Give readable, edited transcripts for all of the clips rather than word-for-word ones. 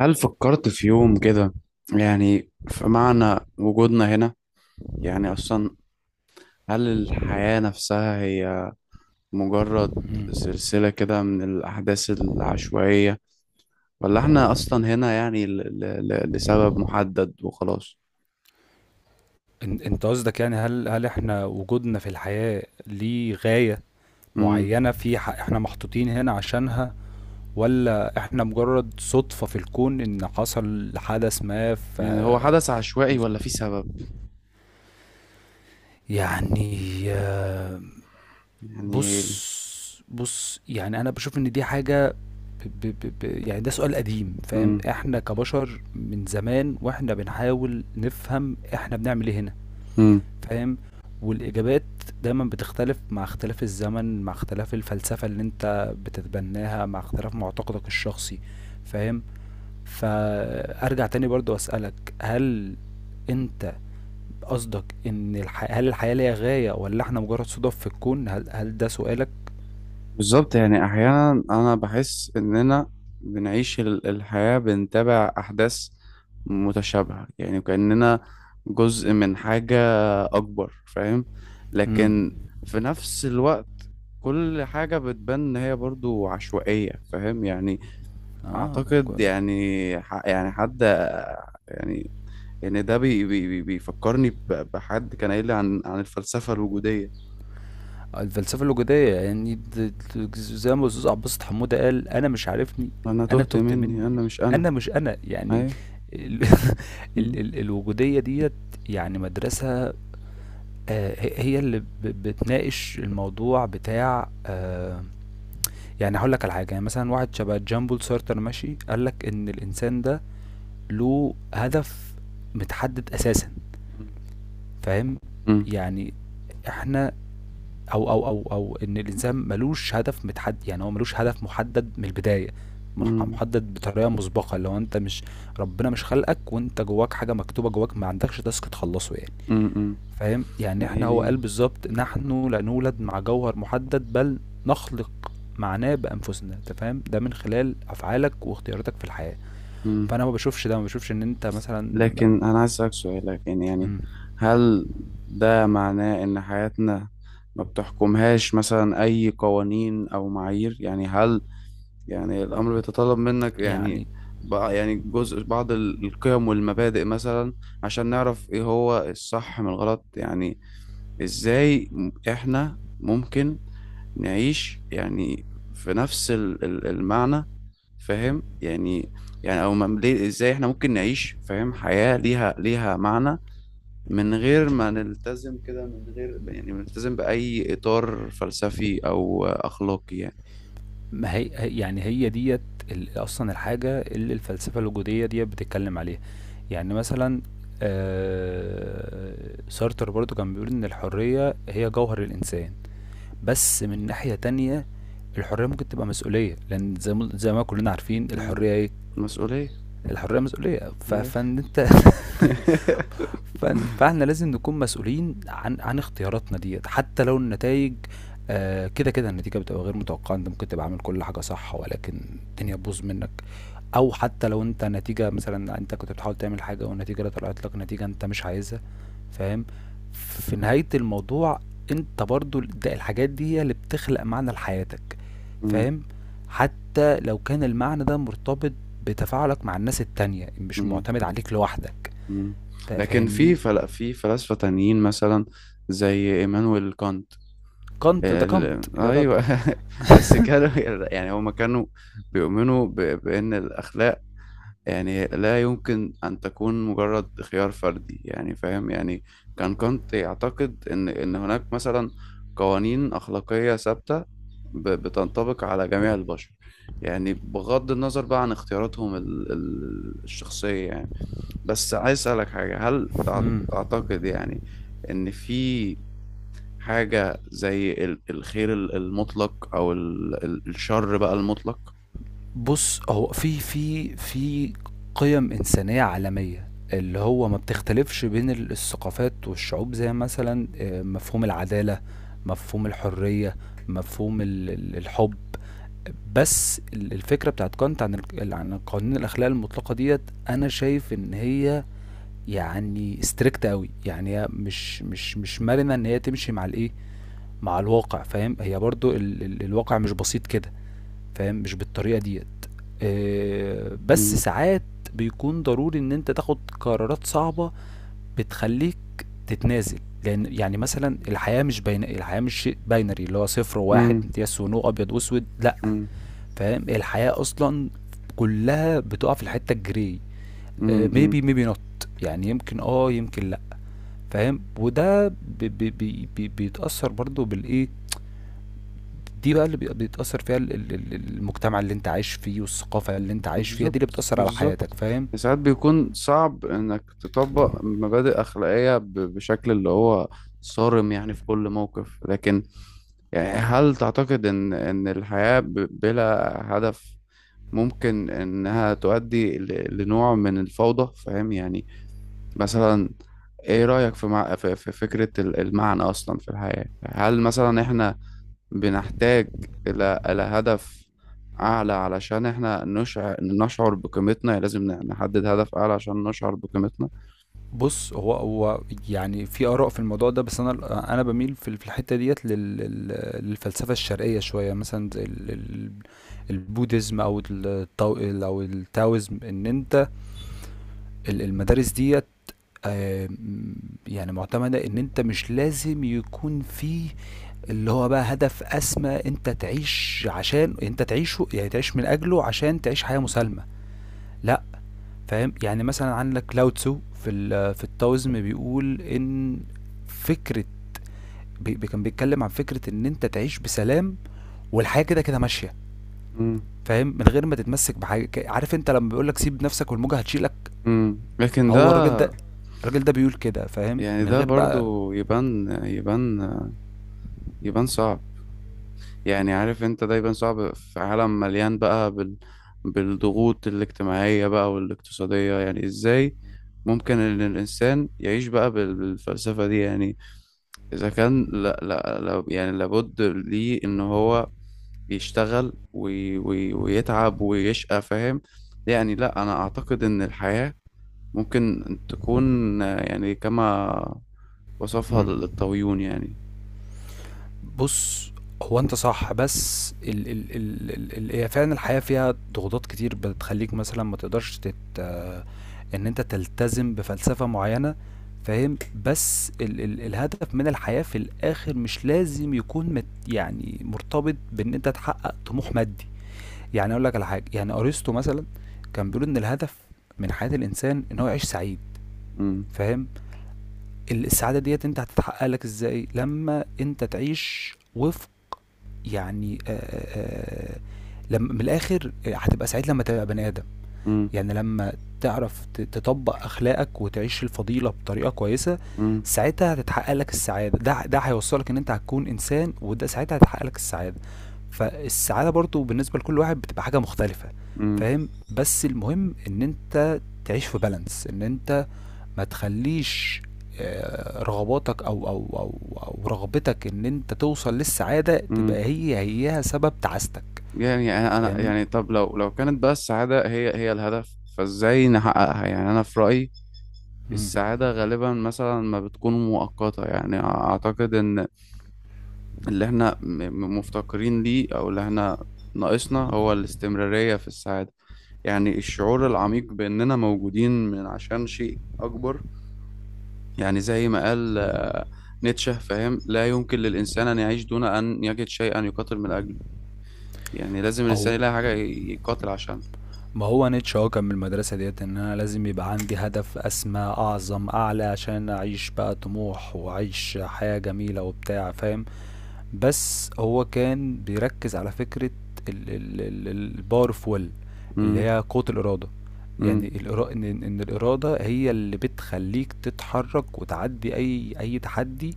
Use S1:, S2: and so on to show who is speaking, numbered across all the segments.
S1: هل فكرت في يوم كده؟ يعني في معنى وجودنا هنا، يعني أصلا هل الحياة نفسها هي مجرد
S2: مم.
S1: سلسلة كده من الأحداث العشوائية، ولا إحنا أصلا هنا يعني ل ل ل لسبب محدد وخلاص؟
S2: انت قصدك يعني هل احنا وجودنا في الحياة ليه غاية
S1: مم.
S2: معينة، احنا محطوطين هنا عشانها، ولا احنا مجرد صدفة في الكون ان حصل حدث ما،
S1: يعني هو حدث عشوائي
S2: بس-
S1: ولا في سبب؟
S2: يعني
S1: يعني
S2: بص بص، يعني انا بشوف ان دي حاجة، ب ب ب ب يعني ده سؤال قديم، فاهم؟
S1: مم.
S2: احنا كبشر من زمان واحنا بنحاول نفهم احنا بنعمل ايه هنا،
S1: مم.
S2: فاهم؟ والإجابات دايما بتختلف مع اختلاف الزمن، مع اختلاف الفلسفة اللي انت بتتبناها، مع اختلاف معتقدك الشخصي، فاهم؟ فأرجع تاني برضو أسألك، هل انت قصدك ان هل الحياة ليها غاية ولا احنا مجرد صدف في الكون، هل ده سؤالك؟
S1: بالظبط، يعني احيانا انا بحس اننا بنعيش الحياة، بنتابع احداث متشابهة، يعني كأننا جزء من حاجة اكبر، فاهم؟
S2: امم.
S1: لكن في نفس الوقت كل حاجة بتبان ان هي برضو عشوائية، فاهم؟ يعني
S2: اه.
S1: اعتقد يعني يعني حد يعني يعني ده بيفكرني بحد كان قايل لي عن الفلسفة الوجودية.
S2: الفلسفة الوجودية، يعني زي ما الأستاذ عباس حمودة قال، أنا مش عارفني،
S1: انا
S2: أنا
S1: تهت
S2: تهت
S1: مني،
S2: مني،
S1: انا مش انا.
S2: أنا مش أنا يعني.
S1: اهي.
S2: ال ال ال الوجودية ديت يعني مدرسة. هي هي اللي بتناقش الموضوع بتاع يعني هقول لك على حاجة، يعني مثلا واحد شبه جامبول سارتر ماشي، قال لك إن الإنسان ده له هدف متحدد أساسا،
S1: مم.
S2: فاهم؟
S1: مم.
S2: يعني احنا او او او او ان الانسان ملوش هدف متحدد، يعني هو ملوش هدف محدد من البدايه،
S1: مم.
S2: محدد بطريقه مسبقه لو انت مش، ربنا مش خلقك وانت جواك حاجه مكتوبه جواك، ما عندكش تاسك تخلصه يعني،
S1: مم. مم.
S2: فاهم؟ يعني
S1: لا
S2: هو قال
S1: يعني.
S2: بالظبط، نحن لا نولد مع جوهر محدد بل نخلق معناه بانفسنا، انت فاهم؟ ده من خلال افعالك واختياراتك في الحياه،
S1: مم.
S2: فانا ما بشوفش ان انت مثلا
S1: لكن أنا عايز أسألك سؤال، لكن يعني
S2: م-
S1: هل ده معناه إن حياتنا ما بتحكمهاش مثلا أي قوانين أو معايير؟ يعني هل يعني الأمر بيتطلب منك يعني
S2: يعني
S1: بقى يعني جزء بعض القيم والمبادئ مثلا، عشان نعرف إيه هو الصح من الغلط؟ يعني إزاي إحنا ممكن نعيش يعني في نفس المعنى فاهم؟ يعني او ليه ازاي احنا ممكن نعيش فاهم حياة ليها معنى، من غير ما نلتزم كده، من غير يعني نلتزم بأي إطار فلسفي أو أخلاقي يعني؟
S2: ما هي هي- يعني هي ديت اصلا الحاجه اللي الفلسفه الوجوديه ديت بتتكلم عليها. يعني مثلا سارتر برضو كان بيقول ان الحريه هي جوهر الانسان، بس من ناحيه تانية، الحريه ممكن تبقى مسؤوليه، لان زي ما كلنا عارفين
S1: مم.
S2: الحريه ايه.
S1: مسؤولية.
S2: الحريه مسؤوليه،
S1: ماشي.
S2: فان انت فاحنا لازم نكون مسؤولين عن اختياراتنا ديت حتى لو النتائج كده كده النتيجة بتبقى غير متوقعة، انت ممكن تبقى عامل كل حاجة صح ولكن الدنيا تبوظ منك، او حتى لو انت نتيجة مثلا انت كنت بتحاول تعمل حاجة، والنتيجة اللي طلعت لك نتيجة انت مش عايزها، فاهم؟ في نهاية الموضوع انت برضو، ده الحاجات دي هي اللي بتخلق معنى لحياتك،
S1: مم.
S2: فاهم؟ حتى لو كان المعنى ده مرتبط بتفاعلك مع الناس التانية، مش
S1: مم.
S2: معتمد عليك لوحدك،
S1: مم. لكن في
S2: فاهمني؟
S1: فلاسفة تانيين مثلا زي إيمانويل كانت.
S2: كانت، ده كانت يا راجل.
S1: ايوه. بس كانوا، يعني هما كانوا بيؤمنوا بان الاخلاق يعني لا يمكن ان تكون مجرد خيار فردي، يعني فاهم يعني كانت يعتقد ان هناك مثلا قوانين اخلاقيه ثابته بتنطبق على جميع البشر، يعني بغض النظر بقى عن اختياراتهم الشخصيه يعني. بس عايز اسالك حاجه، هل تعتقد يعني ان في حاجة زي الخير المطلق أو الشر بقى المطلق؟
S2: بص، هو في قيم إنسانية عالمية، اللي هو ما بتختلفش بين الثقافات والشعوب، زي مثلا مفهوم العدالة، مفهوم الحرية، مفهوم الحب. بس الفكرة بتاعت كانت عن عن قوانين الأخلاق المطلقة ديت، أنا شايف إن هي يعني ستريكت قوي، يعني هي مش مرنة إن هي تمشي مع الإيه، مع الواقع، فاهم؟ هي برضو ال ال الواقع مش بسيط كده، فاهم؟ مش بالطريقة ديت. بس
S1: مم.
S2: ساعات بيكون ضروري ان انت تاخد قرارات صعبة بتخليك تتنازل، لان يعني مثلا الحياة مش بين، الحياة مش شيء باينري، اللي هو صفر
S1: مم.
S2: وواحد، يس ونو، ابيض واسود، لا،
S1: مم.
S2: فاهم؟ الحياة اصلا كلها بتقع في الحتة الجري،
S1: مم. مم.
S2: ميبي ميبي نوت، يعني يمكن يمكن لا، فاهم؟ وده بيتأثر برضو بالايه دي بقى، اللي بيتأثر فيها المجتمع اللي انت عايش فيه والثقافة اللي انت عايش فيها دي اللي
S1: بالظبط،
S2: بتأثر على
S1: بالظبط.
S2: حياتك، فاهم؟
S1: ساعات بيكون صعب انك تطبق مبادئ اخلاقيه بشكل اللي هو صارم يعني في كل موقف، لكن يعني هل تعتقد ان الحياه بلا هدف ممكن انها تؤدي لنوع من الفوضى، فاهم يعني؟ مثلا ايه رأيك في, مع... في في فكرة المعنى اصلا في الحياة؟ هل مثلا احنا بنحتاج الى هدف اعلى علشان احنا نشعر بقيمتنا؟ يعني لازم نحدد هدف اعلى عشان نشعر بقيمتنا؟
S2: بص، هو هو يعني في آراء في الموضوع ده، بس انا بميل في في الحتة ديت للفلسفة الشرقية شوية، مثلا زي البوديزم او التاو او التاويزم، ان انت المدارس ديت يعني معتمدة ان انت مش لازم يكون فيه اللي هو بقى هدف أسمى أنت تعيش عشان أنت تعيشه، يعني تعيش من أجله عشان تعيش حياة مسالمة، لأ، فاهم؟ يعني مثلا عندك لاو تسو في في التاوزم بيقول إن فكرة، كان بيتكلم عن فكرة إن أنت تعيش بسلام والحياة كده كده ماشية،
S1: امم
S2: فاهم؟ من غير ما تتمسك بحاجة، عارف أنت لما بيقولك سيب نفسك والموجة هتشيلك.
S1: لكن ده،
S2: هو الراجل ده الراجل ده بيقول كده، فاهم؟
S1: يعني
S2: من
S1: ده
S2: غير بقى.
S1: برضو يبان يبان يبان صعب، يعني عارف انت دايما صعب في عالم مليان بقى بالضغوط الاجتماعية بقى والاقتصادية، يعني ازاي ممكن ان الانسان يعيش بقى بالفلسفة دي يعني؟ اذا كان لا لا لا يعني لابد ليه ان هو يشتغل ويتعب ويشقى، فاهم يعني. لا، انا اعتقد ان الحياة ممكن تكون آه، يعني كما وصفها الطاويون يعني.
S2: بُص، هو أنت صح، بس ال ال ال ال ال هي فعلًا الحياة فيها ضغوطات كتير بتخلّيك مثلًا ما تقدرش تت آه، إن أنت تلتزم بفلسفة معيّنة، فاهم؟ بس ال ال الهدف من الحياة في الآخر مش لازم يكون يعني مرتبط بإن أنت تحقق طموح مادي. يعني أقول لك على حاجة، يعني أرسطو مثلًا كان بيقول إن الهدف من حياة الإنسان إن هو يعيش سعيد،
S1: امم
S2: فاهم؟ السعادة ديّة أنت هتتحقق لك إزاي؟ لمّا أنت تعيش وفق، يعني آآ لم من الآخر هتبقى سعيد لمّا تبقى بني آدم، يعني لمّا تعرف تطبّق أخلاقك وتعيش الفضيلة بطريقة كويسة،
S1: امم
S2: ساعتها هتتحقق لك السعادة، ده هيوصّلك إن أنت هتكون إنسان، وده ساعتها هيتحقق لك السعادة. فالسعادة برضه بالنسبة لكل واحد بتبقى حاجة مختلفة، فاهم؟ بس المهم إن أنت تعيش في balance، إن أنت ما تخليش رغباتك او او او او رغبتك ان انت توصل للسعاده تبقى
S1: امم
S2: هيها سبب تعاستك،
S1: يعني
S2: فاهمني؟
S1: يعني طب لو كانت بقى السعاده هي الهدف فازاي نحققها يعني؟ انا في رايي
S2: مم.
S1: السعاده غالبا مثلا ما بتكون مؤقته، يعني اعتقد ان اللي احنا مفتقرين ليه او اللي احنا ناقصنا هو الاستمراريه في السعاده. يعني الشعور العميق باننا موجودين من عشان شيء اكبر، يعني زي ما قال آه، نيتشه، فاهم؟ لا يمكن للانسان ان يعيش دون ان يجد شيئا يقاتل من اجله، يعني لازم الانسان
S2: او
S1: يلاقي حاجه يقاتل عشانها.
S2: ما هو نيتشه هو كان من المدرسه ديت، ان انا لازم يبقى عندي هدف اسمى، اعظم، اعلى عشان اعيش بقى طموح واعيش حياه جميله وبتاع، فاهم؟ بس هو كان بيركز على فكرة power of will، اللي
S1: مم.
S2: هي قوة الإرادة،
S1: مم.
S2: يعني إن الإرادة هي اللي بتخليك تتحرك وتعدي أي تحدي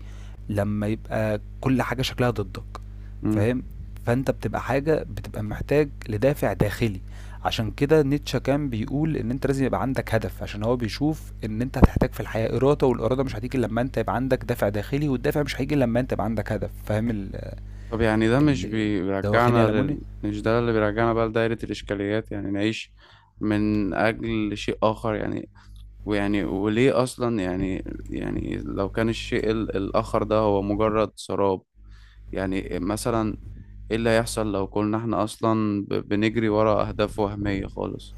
S2: لما يبقى كل حاجة شكلها ضدك،
S1: مم.
S2: فاهم؟ فأنت بتبقى حاجة بتبقى محتاج لدافع داخلي، عشان كده نيتشه كان بيقول إن أنت لازم يبقى عندك هدف، عشان هو بيشوف إن أنت هتحتاج في الحياة إرادة، والإرادة مش هتيجي إلا لما أنت يبقى عندك دافع داخلي، والدافع مش هيجي إلا لما أنت يبقى عندك هدف، فاهم؟
S1: طب يعني ده مش
S2: ال- ده واخدني على منى.
S1: مش ده اللي بيرجعنا بقى لدائرة الإشكاليات؟ يعني نعيش من أجل شيء آخر يعني، ويعني وليه أصلا يعني لو كان الشيء الآخر ده هو مجرد سراب، يعني مثلا إيه اللي هيحصل لو كنا إحنا أصلا بنجري ورا أهداف وهمية خالص؟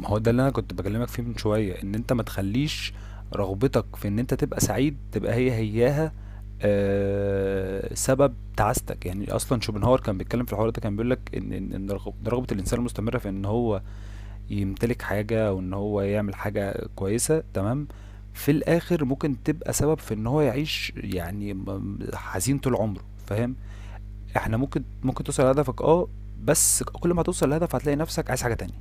S2: ما هو ده اللي انا كنت بكلمك فيه من شويه، ان انت ما تخليش رغبتك في ان انت تبقى سعيد تبقى هياها سبب تعاستك. يعني اصلا شوبنهاور كان بيتكلم في الحوار ده، كان بيقول لك ان ان إن رغبه الانسان المستمره في ان هو يمتلك حاجه، وان هو يعمل حاجه كويسه تمام، في الاخر ممكن تبقى سبب في ان هو يعيش يعني حزين طول عمره، فاهم؟ احنا ممكن توصل لهدفك، بس كل ما توصل لهدف هتلاقي نفسك عايز حاجه تانية.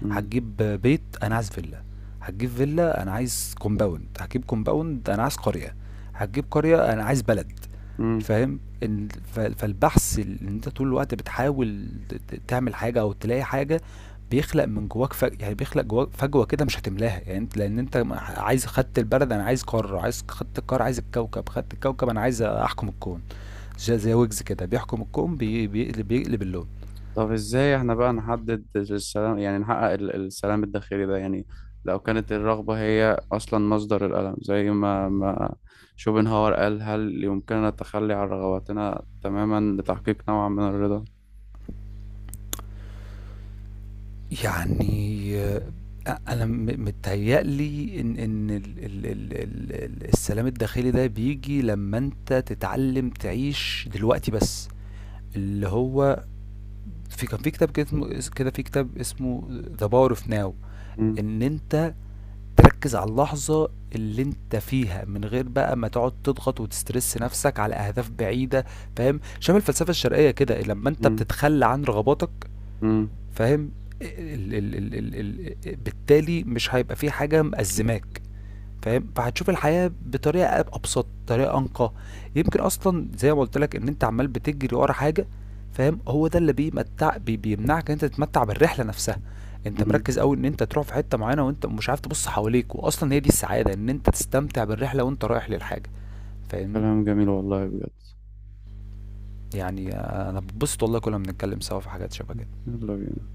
S1: مم.
S2: هتجيب بيت، انا عايز فيلا. هتجيب فيلا، انا عايز كومباوند. هتجيب كومباوند، انا عايز قرية. هتجيب قرية، انا عايز بلد،
S1: مم.
S2: فاهم؟ فالبحث اللي انت طول الوقت بتحاول تعمل حاجة او تلاقي حاجة بيخلق من جواك يعني بيخلق جواك فجوة كده مش هتملاها، يعني انت لان انت عايز، خدت البلد انا عايز قارة، عايز، خدت القارة عايز الكوكب، خدت الكوكب انا عايز احكم الكون، زي ويجز كده بيحكم الكون بيقلب بيقلب اللون.
S1: طب ازاي احنا بقى نحدد السلام، يعني نحقق السلام الداخلي ده يعني؟ لو كانت الرغبة هي أصلا مصدر الألم زي ما شوبنهاور قال، هل يمكننا التخلي عن رغباتنا تماما لتحقيق نوع من الرضا؟
S2: يعني أنا متهيأ لي إن ال ال ال ال السلام الداخلي ده بييجي لمّا أنت تتعلّم تعيش دلوقتي بس، اللي هو في كان في كتاب كده اسمه اس كده في كتاب اسمه The Power of Now،
S1: مم.
S2: إن أنت تركّز على اللحظة اللي أنت فيها، من غير بقى ما تقعد تضغط وتسترِس نفسك على أهداف بعيدة، فاهم؟ شبه الفلسفة الشرقية كده، لمّا أنت
S1: مم.
S2: بتتخلّى عن رغباتك،
S1: مم.
S2: فاهم؟ ال ال ال ال ال بالتالي مش هيبقى في حاجة مأزّماك، فاهم؟ فهتشوف الحياة بطريقة أبسط، طريقة أنقى، يمكن أصلًا زي ما قُلت لك إن أنت عمّال بتجري ورا حاجة، فاهم؟ هو ده اللي بيمتع بي بيمنعك إن أنت تتمتع بالرحلة نفسها. أنت
S1: مم.
S2: مركّز أوي إن أنت تروح في حتّة معيّنة وأنت مش عارف تبُص حواليك، وأصلًا هي دي السعادة، إن أنت تستمتع بالرحلة وأنت رايح للحاجة، فاهمني؟
S1: كلام جميل والله بجد.
S2: يعني أنا باتبسط والله كُلّ ما بنتكلّم سوا في حاجات شبه كده.
S1: يلا بينا.